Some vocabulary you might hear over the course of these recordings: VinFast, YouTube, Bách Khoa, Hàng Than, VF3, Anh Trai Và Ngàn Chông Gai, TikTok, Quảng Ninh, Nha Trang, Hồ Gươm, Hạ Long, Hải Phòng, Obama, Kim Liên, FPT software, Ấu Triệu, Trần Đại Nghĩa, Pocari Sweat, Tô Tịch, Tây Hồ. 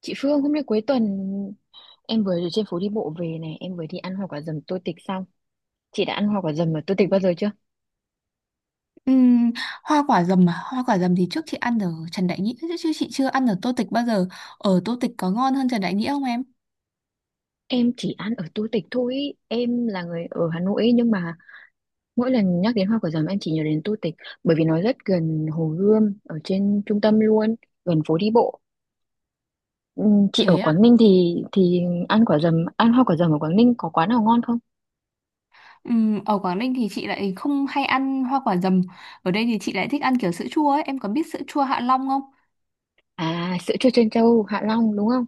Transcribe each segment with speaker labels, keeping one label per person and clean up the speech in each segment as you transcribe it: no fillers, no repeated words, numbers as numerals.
Speaker 1: Chị Phương hôm nay cuối tuần em vừa ở trên phố đi bộ về này, em vừa đi ăn hoa quả dầm Tô Tịch xong. Chị đã ăn hoa quả dầm ở Tô Tịch bao giờ chưa?
Speaker 2: Ừm, Hoa quả dầm à? Hoa quả dầm thì trước chị ăn ở Trần Đại Nghĩa, chứ chứ chị chưa ăn ở Tô Tịch bao giờ. Ở Tô Tịch có ngon hơn Trần Đại Nghĩa không em?
Speaker 1: Em chỉ ăn ở Tô Tịch thôi. Em là người ở Hà Nội nhưng mà mỗi lần nhắc đến hoa quả dầm em chỉ nhớ đến Tô Tịch bởi vì nó rất gần Hồ Gươm ở trên trung tâm luôn, gần phố đi bộ. Chị ở
Speaker 2: Thế ạ?
Speaker 1: Quảng Ninh thì ăn hoa quả dầm ở Quảng Ninh có quán nào ngon không?
Speaker 2: Ở Quảng Ninh thì chị lại không hay ăn hoa quả dầm. Ở đây thì chị lại thích ăn kiểu sữa chua ấy. Em có biết sữa chua Hạ Long không?
Speaker 1: À, sữa chua trân châu Hạ Long đúng không?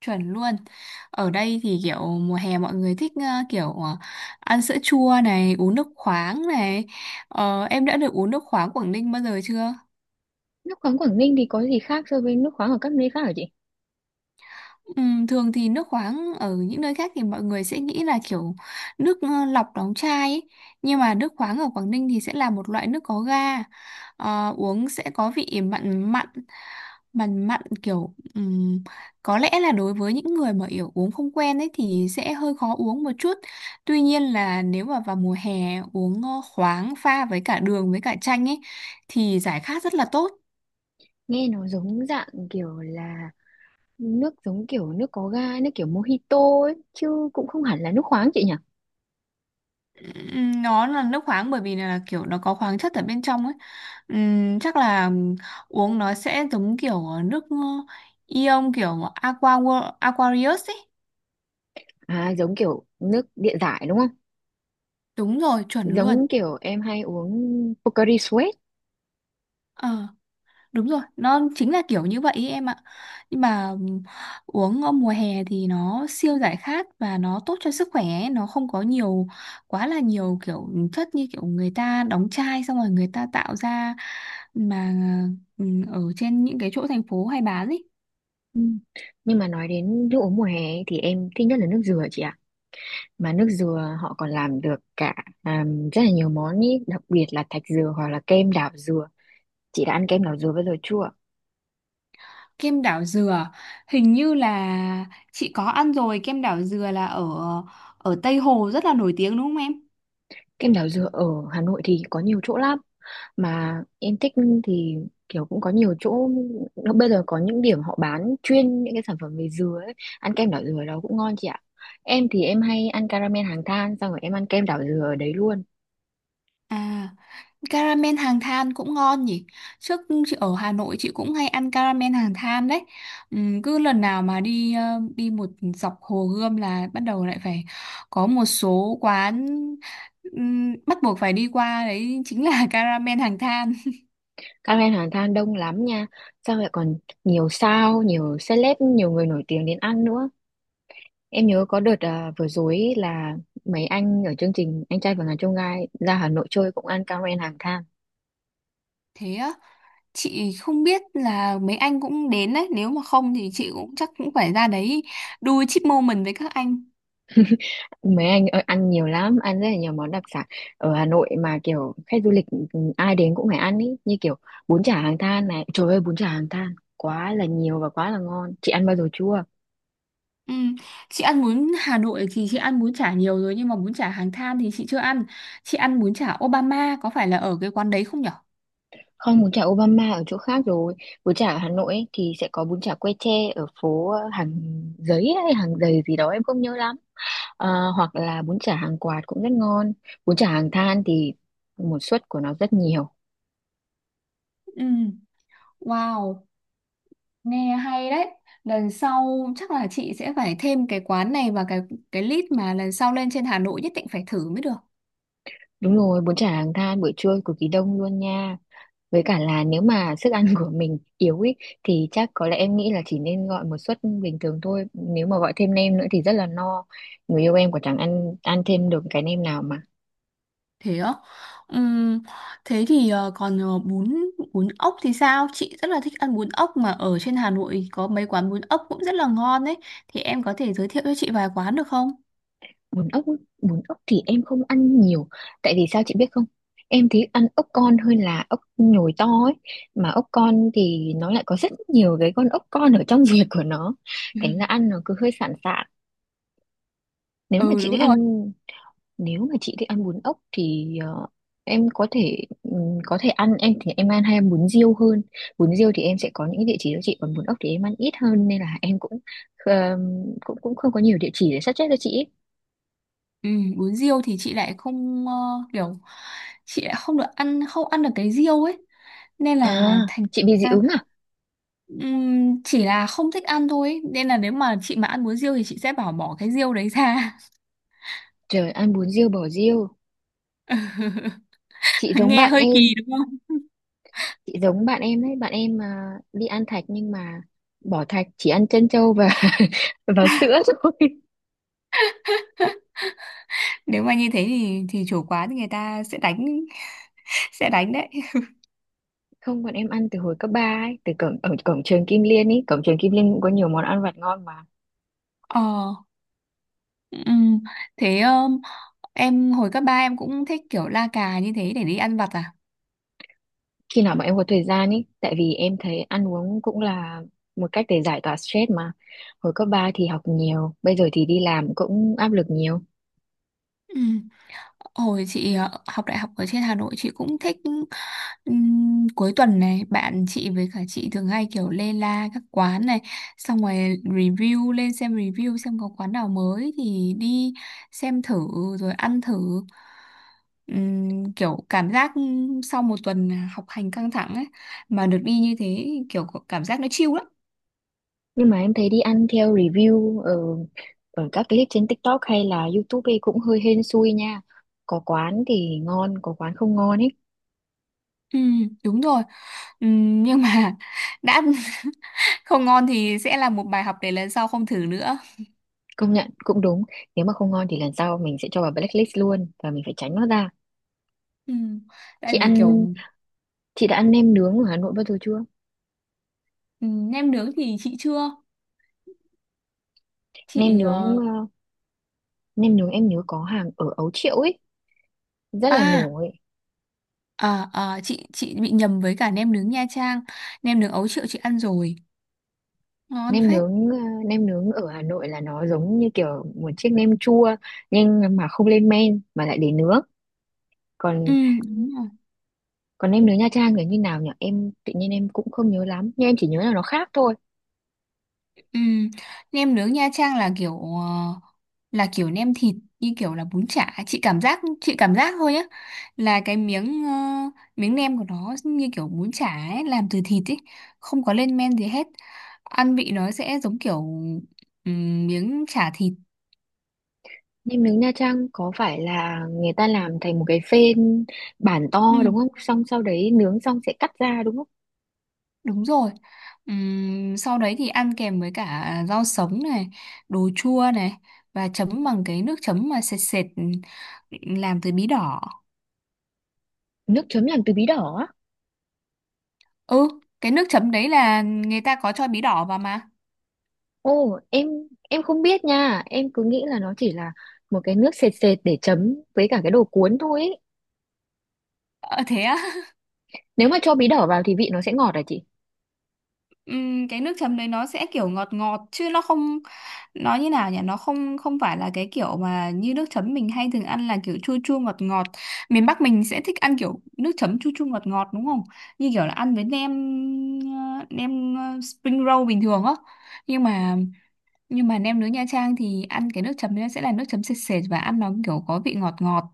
Speaker 2: Chuẩn luôn. Ở đây thì kiểu mùa hè mọi người thích kiểu ăn sữa chua này, uống nước khoáng này. Em đã được uống nước khoáng Quảng Ninh bao giờ chưa?
Speaker 1: Nước khoáng Quảng Ninh thì có gì khác so với nước khoáng ở các nơi khác hả chị?
Speaker 2: Ừ, thường thì nước khoáng ở những nơi khác thì mọi người sẽ nghĩ là kiểu nước lọc đóng chai ấy. Nhưng mà nước khoáng ở Quảng Ninh thì sẽ là một loại nước có ga. Uống sẽ có vị mặn mặn, kiểu có lẽ là đối với những người mà kiểu uống không quen ấy thì sẽ hơi khó uống một chút. Tuy nhiên là nếu mà vào mùa hè uống khoáng pha với cả đường với cả chanh ấy thì giải khát rất là tốt.
Speaker 1: Nghe nó giống dạng kiểu là nước, giống kiểu nước có ga, nước kiểu mojito ấy chứ cũng không hẳn là nước khoáng chị nhỉ?
Speaker 2: Nó là nước khoáng bởi vì là kiểu nó có khoáng chất ở bên trong ấy. Chắc là uống nó sẽ giống kiểu nước ion, kiểu aqua aquarius ấy.
Speaker 1: À, giống kiểu nước địa giải đúng không?
Speaker 2: Đúng rồi, chuẩn luôn.
Speaker 1: Giống kiểu em hay uống Pocari Sweat.
Speaker 2: Ờ. Đúng rồi, nó chính là kiểu như vậy ấy, em ạ. Nhưng mà uống ở mùa hè thì nó siêu giải khát và nó tốt cho sức khỏe ấy. Nó không có nhiều quá là nhiều kiểu chất như kiểu người ta đóng chai xong rồi người ta tạo ra, mà ở trên những cái chỗ thành phố hay bán ấy.
Speaker 1: Ừ. Nhưng mà nói đến nước uống mùa hè ấy, thì em thích nhất là nước dừa chị ạ. Mà nước dừa họ còn làm được cả à, rất là nhiều món ý, đặc biệt là thạch dừa hoặc là kem đảo dừa. Chị đã ăn kem đảo dừa bao giờ chưa?
Speaker 2: Kem đảo dừa, hình như là chị có ăn rồi, kem đảo dừa là ở ở Tây Hồ rất là nổi tiếng đúng không em?
Speaker 1: Kem đảo dừa ở Hà Nội thì có nhiều chỗ lắm mà em thích thì kiểu cũng có nhiều chỗ. Nó bây giờ có những điểm họ bán chuyên những cái sản phẩm về dừa ấy. Ăn kem đảo dừa ở đó cũng ngon chị ạ. Em thì em hay ăn caramel hàng than xong rồi em ăn kem đảo dừa ở đấy luôn.
Speaker 2: À, caramel hàng than cũng ngon nhỉ. Trước chị ở Hà Nội chị cũng hay ăn caramel hàng than đấy. Cứ lần nào mà đi đi một dọc Hồ Gươm là bắt đầu lại phải có một số quán bắt buộc phải đi qua đấy chính là caramel hàng than.
Speaker 1: Caramel hàng than đông lắm nha. Xong rồi còn nhiều sao, nhiều celeb, nhiều người nổi tiếng đến ăn nữa. Em nhớ có đợt vừa rồi ấy là mấy anh ở chương trình anh trai và ngàn chông gai ra Hà Nội chơi cũng ăn caramel hàng than.
Speaker 2: Thế á, chị không biết là mấy anh cũng đến đấy, nếu mà không thì chị cũng chắc cũng phải ra đấy đu chip moment với các anh.
Speaker 1: Mấy anh ơi, ăn nhiều lắm, ăn rất là nhiều món đặc sản ở Hà Nội mà kiểu khách du lịch, ai đến cũng phải ăn ý, như kiểu bún chả Hàng Than này. Trời ơi, bún chả Hàng Than quá là nhiều và quá là ngon. Chị ăn bao giờ chưa?
Speaker 2: Ừ. Chị ăn bún Hà Nội thì chị ăn bún chả nhiều rồi nhưng mà bún chả Hàng Than thì chị chưa ăn. Chị ăn bún chả Obama có phải là ở cái quán đấy không nhở?
Speaker 1: Không, bún chả Obama ở chỗ khác rồi. Bún chả ở Hà Nội ấy, thì sẽ có bún chả que tre ở phố hàng giấy hay hàng giày gì đó em không nhớ lắm. Hoặc là bún chả hàng quạt cũng rất ngon. Bún chả Hàng Than thì một suất của nó rất nhiều.
Speaker 2: Ừ. Wow, nghe hay đấy. Lần sau chắc là chị sẽ phải thêm cái quán này vào cái list mà lần sau lên trên Hà Nội nhất định phải thử mới được.
Speaker 1: Đúng rồi, bún chả Hàng Than buổi trưa cực kỳ đông luôn nha. Với cả là nếu mà sức ăn của mình yếu ý, thì chắc có lẽ em nghĩ là chỉ nên gọi một suất bình thường thôi. Nếu mà gọi thêm nem nữa thì rất là no. Người yêu em còn chẳng ăn ăn thêm được cái nem nào mà.
Speaker 2: Thế á? Ừm, Thế thì còn bún bún ốc thì sao? Chị rất là thích ăn bún ốc mà ở trên Hà Nội có mấy quán bún ốc cũng rất là ngon đấy. Thì em có thể giới thiệu cho chị vài quán được không?
Speaker 1: Bún ốc, ý, Bún ốc thì em không ăn nhiều. Tại vì sao chị biết không? Em thấy ăn ốc con hơn là ốc nhồi to ấy. Mà ốc con thì nó lại có rất nhiều cái con ốc con ở trong ruột của nó. Thành ra ăn nó cứ hơi sạn sạn. Nếu mà
Speaker 2: Ừ,
Speaker 1: chị
Speaker 2: đúng
Speaker 1: thích ăn
Speaker 2: rồi.
Speaker 1: Nếu mà chị thích ăn bún ốc thì em có thể có thể ăn, em thì em ăn hay ăn bún riêu hơn. Bún riêu thì em sẽ có những cái địa chỉ đó chị, còn bún ốc thì em ăn ít hơn nên là em cũng ờ, cũng cũng không có nhiều địa chỉ để suggest cho chị ý.
Speaker 2: Ừ, bún riêu thì chị lại không, kiểu chị lại không được ăn, không ăn được cái riêu ấy, nên
Speaker 1: À,
Speaker 2: là thành
Speaker 1: chị bị dị
Speaker 2: ra,
Speaker 1: ứng à?
Speaker 2: chỉ là không thích ăn thôi ấy. Nên là nếu mà chị mà ăn bún riêu thì chị sẽ bảo bỏ cái riêu đấy ra.
Speaker 1: Trời, ăn bún riêu bỏ riêu. chị giống
Speaker 2: Nghe
Speaker 1: bạn
Speaker 2: hơi
Speaker 1: em
Speaker 2: kỳ đúng không?
Speaker 1: chị giống bạn em đấy, bạn em mà đi ăn thạch nhưng mà bỏ thạch, chỉ ăn trân châu và và sữa thôi.
Speaker 2: Nếu mà như thế thì chủ quán thì người ta sẽ đánh sẽ đánh đấy.
Speaker 1: Không, bọn em ăn từ hồi cấp 3 ấy, từ cổng ở cổng trường Kim Liên ấy, cổng trường Kim Liên cũng có nhiều món ăn vặt ngon mà.
Speaker 2: Ờ ừm, thế, em hồi cấp ba em cũng thích kiểu la cà như thế để đi ăn vặt à?
Speaker 1: Khi nào bọn em có thời gian ấy, tại vì em thấy ăn uống cũng là một cách để giải tỏa stress mà. Hồi cấp 3 thì học nhiều, bây giờ thì đi làm cũng áp lực nhiều.
Speaker 2: Ừ. Hồi chị học đại học ở trên Hà Nội chị cũng thích. Cuối tuần này bạn chị với cả chị thường hay kiểu lê la các quán này, xong rồi review lên xem, review xem có quán nào mới thì đi xem thử, rồi ăn thử. Kiểu cảm giác sau một tuần học hành căng thẳng ấy mà được đi như thế, kiểu có cảm giác nó chill lắm.
Speaker 1: Nhưng mà em thấy đi ăn theo review ở ở các clip trên TikTok hay là YouTube ấy cũng hơi hên xui nha. Có quán thì ngon, có quán không ngon ấy.
Speaker 2: Ừ, đúng rồi. Nhưng mà đã không ngon thì sẽ là một bài học để lần sau không thử nữa.
Speaker 1: Công nhận cũng đúng, nếu mà không ngon thì lần sau mình sẽ cho vào blacklist luôn và mình phải tránh nó ra.
Speaker 2: Ừ.
Speaker 1: Chị
Speaker 2: Tại vì kiểu
Speaker 1: ăn Chị đã ăn nem nướng ở Hà Nội bao giờ chưa?
Speaker 2: ừ, nem nướng thì chị chưa.
Speaker 1: Nem
Speaker 2: chị
Speaker 1: nướng
Speaker 2: ờ,
Speaker 1: ờ, Nem nướng em nhớ có hàng ở Ấu Triệu ấy, rất là
Speaker 2: à,
Speaker 1: nổi.
Speaker 2: à, à chị chị bị nhầm với cả nem nướng Nha Trang. Nem nướng Ấu Triệu chị ăn rồi, ngon
Speaker 1: Nem
Speaker 2: phết.
Speaker 1: nướng ờ, Nem nướng ở Hà Nội là nó giống như kiểu một chiếc nem chua nhưng mà không lên men mà lại để nướng.
Speaker 2: Ừ,
Speaker 1: Còn
Speaker 2: đúng rồi.
Speaker 1: còn nem nướng Nha Trang là như nào nhỉ? Em tự nhiên em cũng không nhớ lắm, nhưng em chỉ nhớ là nó khác thôi.
Speaker 2: Ừ. Nem nướng Nha Trang là kiểu nem thịt, như kiểu là bún chả, chị cảm giác thôi nhá. Là cái miếng nem của nó như kiểu bún chả ấy, làm từ thịt ấy, không có lên men gì hết. Ăn vị nó sẽ giống kiểu ừ, miếng chả thịt.
Speaker 1: Nem nướng Nha Trang có phải là người ta làm thành một cái phên bản
Speaker 2: Ừ,
Speaker 1: to đúng không? Xong sau đấy nướng xong sẽ cắt ra đúng không?
Speaker 2: đúng rồi. Sau đấy thì ăn kèm với cả rau sống này, đồ chua này, và chấm bằng cái nước chấm mà sệt sệt làm từ bí đỏ.
Speaker 1: Nước chấm làm từ bí đỏ á.
Speaker 2: Ừ, cái nước chấm đấy là người ta có cho bí đỏ vào mà.
Speaker 1: Ồ, em không biết nha, em cứ nghĩ là nó chỉ là một cái nước sệt sệt để chấm với cả cái đồ cuốn thôi ấy.
Speaker 2: Ờ thế á?
Speaker 1: Nếu mà cho bí đỏ vào thì vị nó sẽ ngọt à chị?
Speaker 2: Cái nước chấm đấy nó sẽ kiểu ngọt ngọt, chứ nó không, nó như nào nhỉ, nó không không phải là cái kiểu mà như nước chấm mình hay thường ăn là kiểu chua chua ngọt ngọt. Miền Bắc mình sẽ thích ăn kiểu nước chấm chua chua ngọt ngọt đúng không, như kiểu là ăn với spring roll bình thường á. Nhưng mà nhưng mà nem nướng Nha Trang thì ăn cái nước chấm đấy sẽ là nước chấm sệt sệt và ăn nó kiểu có vị ngọt ngọt.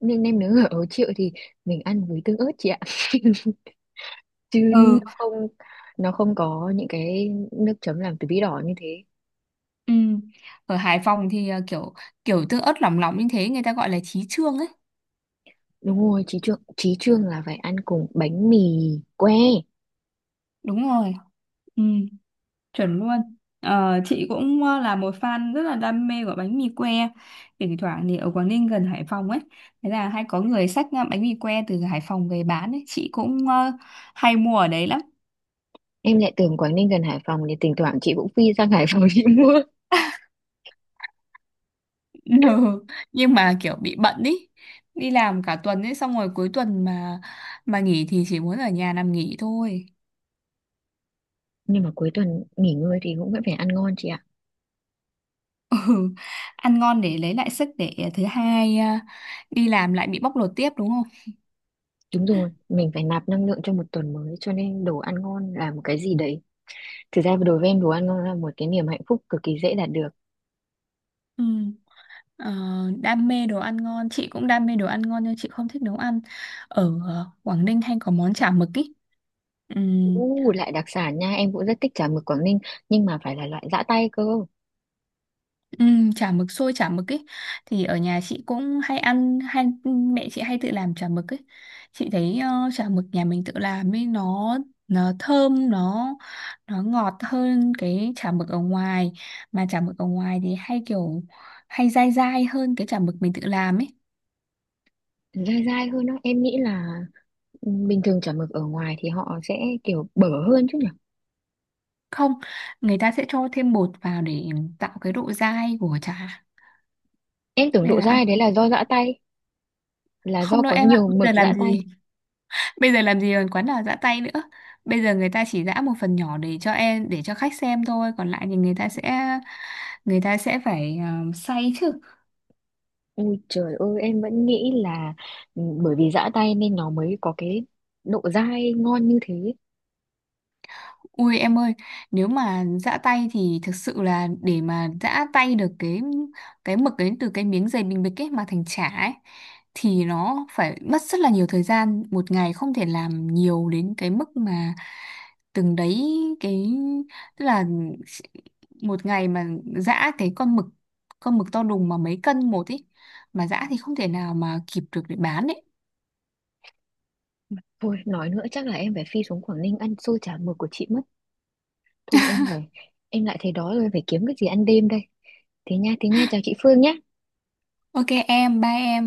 Speaker 1: Nhưng nem nướng ở Ấu Triệu thì mình ăn với tương ớt chị ạ. Chứ
Speaker 2: ừ
Speaker 1: nó không có những cái nước chấm làm từ bí đỏ như thế.
Speaker 2: ừm. Ở Hải Phòng thì kiểu kiểu tương ớt lỏng lỏng như thế người ta gọi là chí chương ấy.
Speaker 1: Đúng rồi, chí trương là phải ăn cùng bánh mì que.
Speaker 2: Đúng rồi. Ừ, chuẩn luôn. Chị cũng là một fan rất là đam mê của bánh mì que, thỉnh thoảng thì ở Quảng Ninh gần Hải Phòng ấy, thế là hay có người xách bánh mì que từ Hải Phòng về bán ấy, chị cũng hay mua ở đấy lắm.
Speaker 1: Em lại tưởng Quảng Ninh gần Hải Phòng thì thỉnh thoảng chị cũng phi sang Hải Phòng chị mua.
Speaker 2: Ừ. Nhưng mà kiểu bị bận ý, đi làm cả tuần ấy, xong rồi cuối tuần mà nghỉ thì chỉ muốn ở nhà nằm nghỉ thôi.
Speaker 1: Nhưng mà cuối tuần nghỉ ngơi thì cũng vẫn phải ăn ngon chị ạ.
Speaker 2: Ừ. Ăn ngon để lấy lại sức để thứ hai à, đi làm lại bị bóc lột tiếp đúng không?
Speaker 1: Đúng rồi, mình phải nạp năng lượng cho một tuần mới cho nên đồ ăn ngon là một cái gì đấy. Thực ra đối với em đồ ăn ngon là một cái niềm hạnh phúc cực kỳ dễ đạt được.
Speaker 2: Ừ. Ờ, Đam mê đồ ăn ngon, chị cũng đam mê đồ ăn ngon nhưng chị không thích nấu ăn. Ở Quảng Ninh hay có món chả mực ý. Ừm,
Speaker 1: U lại đặc sản nha, em cũng rất thích chả mực Quảng Ninh nhưng mà phải là loại giã tay cơ.
Speaker 2: Chả mực, xôi chả mực ý thì ở nhà chị cũng hay ăn, hay mẹ chị hay tự làm chả mực ấy. Chị thấy chả mực nhà mình tự làm ấy, nó thơm, nó ngọt hơn cái chả mực ở ngoài, mà chả mực ở ngoài thì hay dai dai hơn cái chả mực mình tự làm ấy.
Speaker 1: Dai dai hơn đó, em nghĩ là bình thường chả mực ở ngoài thì họ sẽ kiểu bở hơn chứ nhỉ.
Speaker 2: Không, người ta sẽ cho thêm bột vào để tạo cái độ dai của trà
Speaker 1: Em tưởng
Speaker 2: nên
Speaker 1: độ
Speaker 2: là ăn.
Speaker 1: dai đấy là do giã tay, là do
Speaker 2: Không đâu
Speaker 1: có
Speaker 2: em ạ,
Speaker 1: nhiều
Speaker 2: bây
Speaker 1: mực
Speaker 2: giờ
Speaker 1: giã
Speaker 2: làm
Speaker 1: tay.
Speaker 2: gì bây giờ làm gì còn quán nào giã tay nữa. Bây giờ người ta chỉ giã một phần nhỏ để cho em, để cho khách xem thôi, còn lại thì người ta sẽ phải xay chứ.
Speaker 1: Ui trời ơi, em vẫn nghĩ là bởi vì giã tay nên nó mới có cái độ dai ngon như thế.
Speaker 2: Ui em ơi, nếu mà giã tay thì thực sự là để mà giã tay được cái mực đến từ cái miếng dày bình bịch ấy mà thành chả ấy thì nó phải mất rất là nhiều thời gian, một ngày không thể làm nhiều đến cái mức mà từng đấy cái, tức là một ngày mà giã cái con mực, con mực to đùng mà mấy cân một ấy mà giã thì không thể nào mà kịp được để bán ấy.
Speaker 1: Thôi nói nữa chắc là em phải phi xuống Quảng Ninh ăn xôi chả mực của chị mất. Thôi em về, em lại thấy đói rồi phải kiếm cái gì ăn đêm đây. Thế nha, chào chị Phương nhé.
Speaker 2: Ok em, bye em.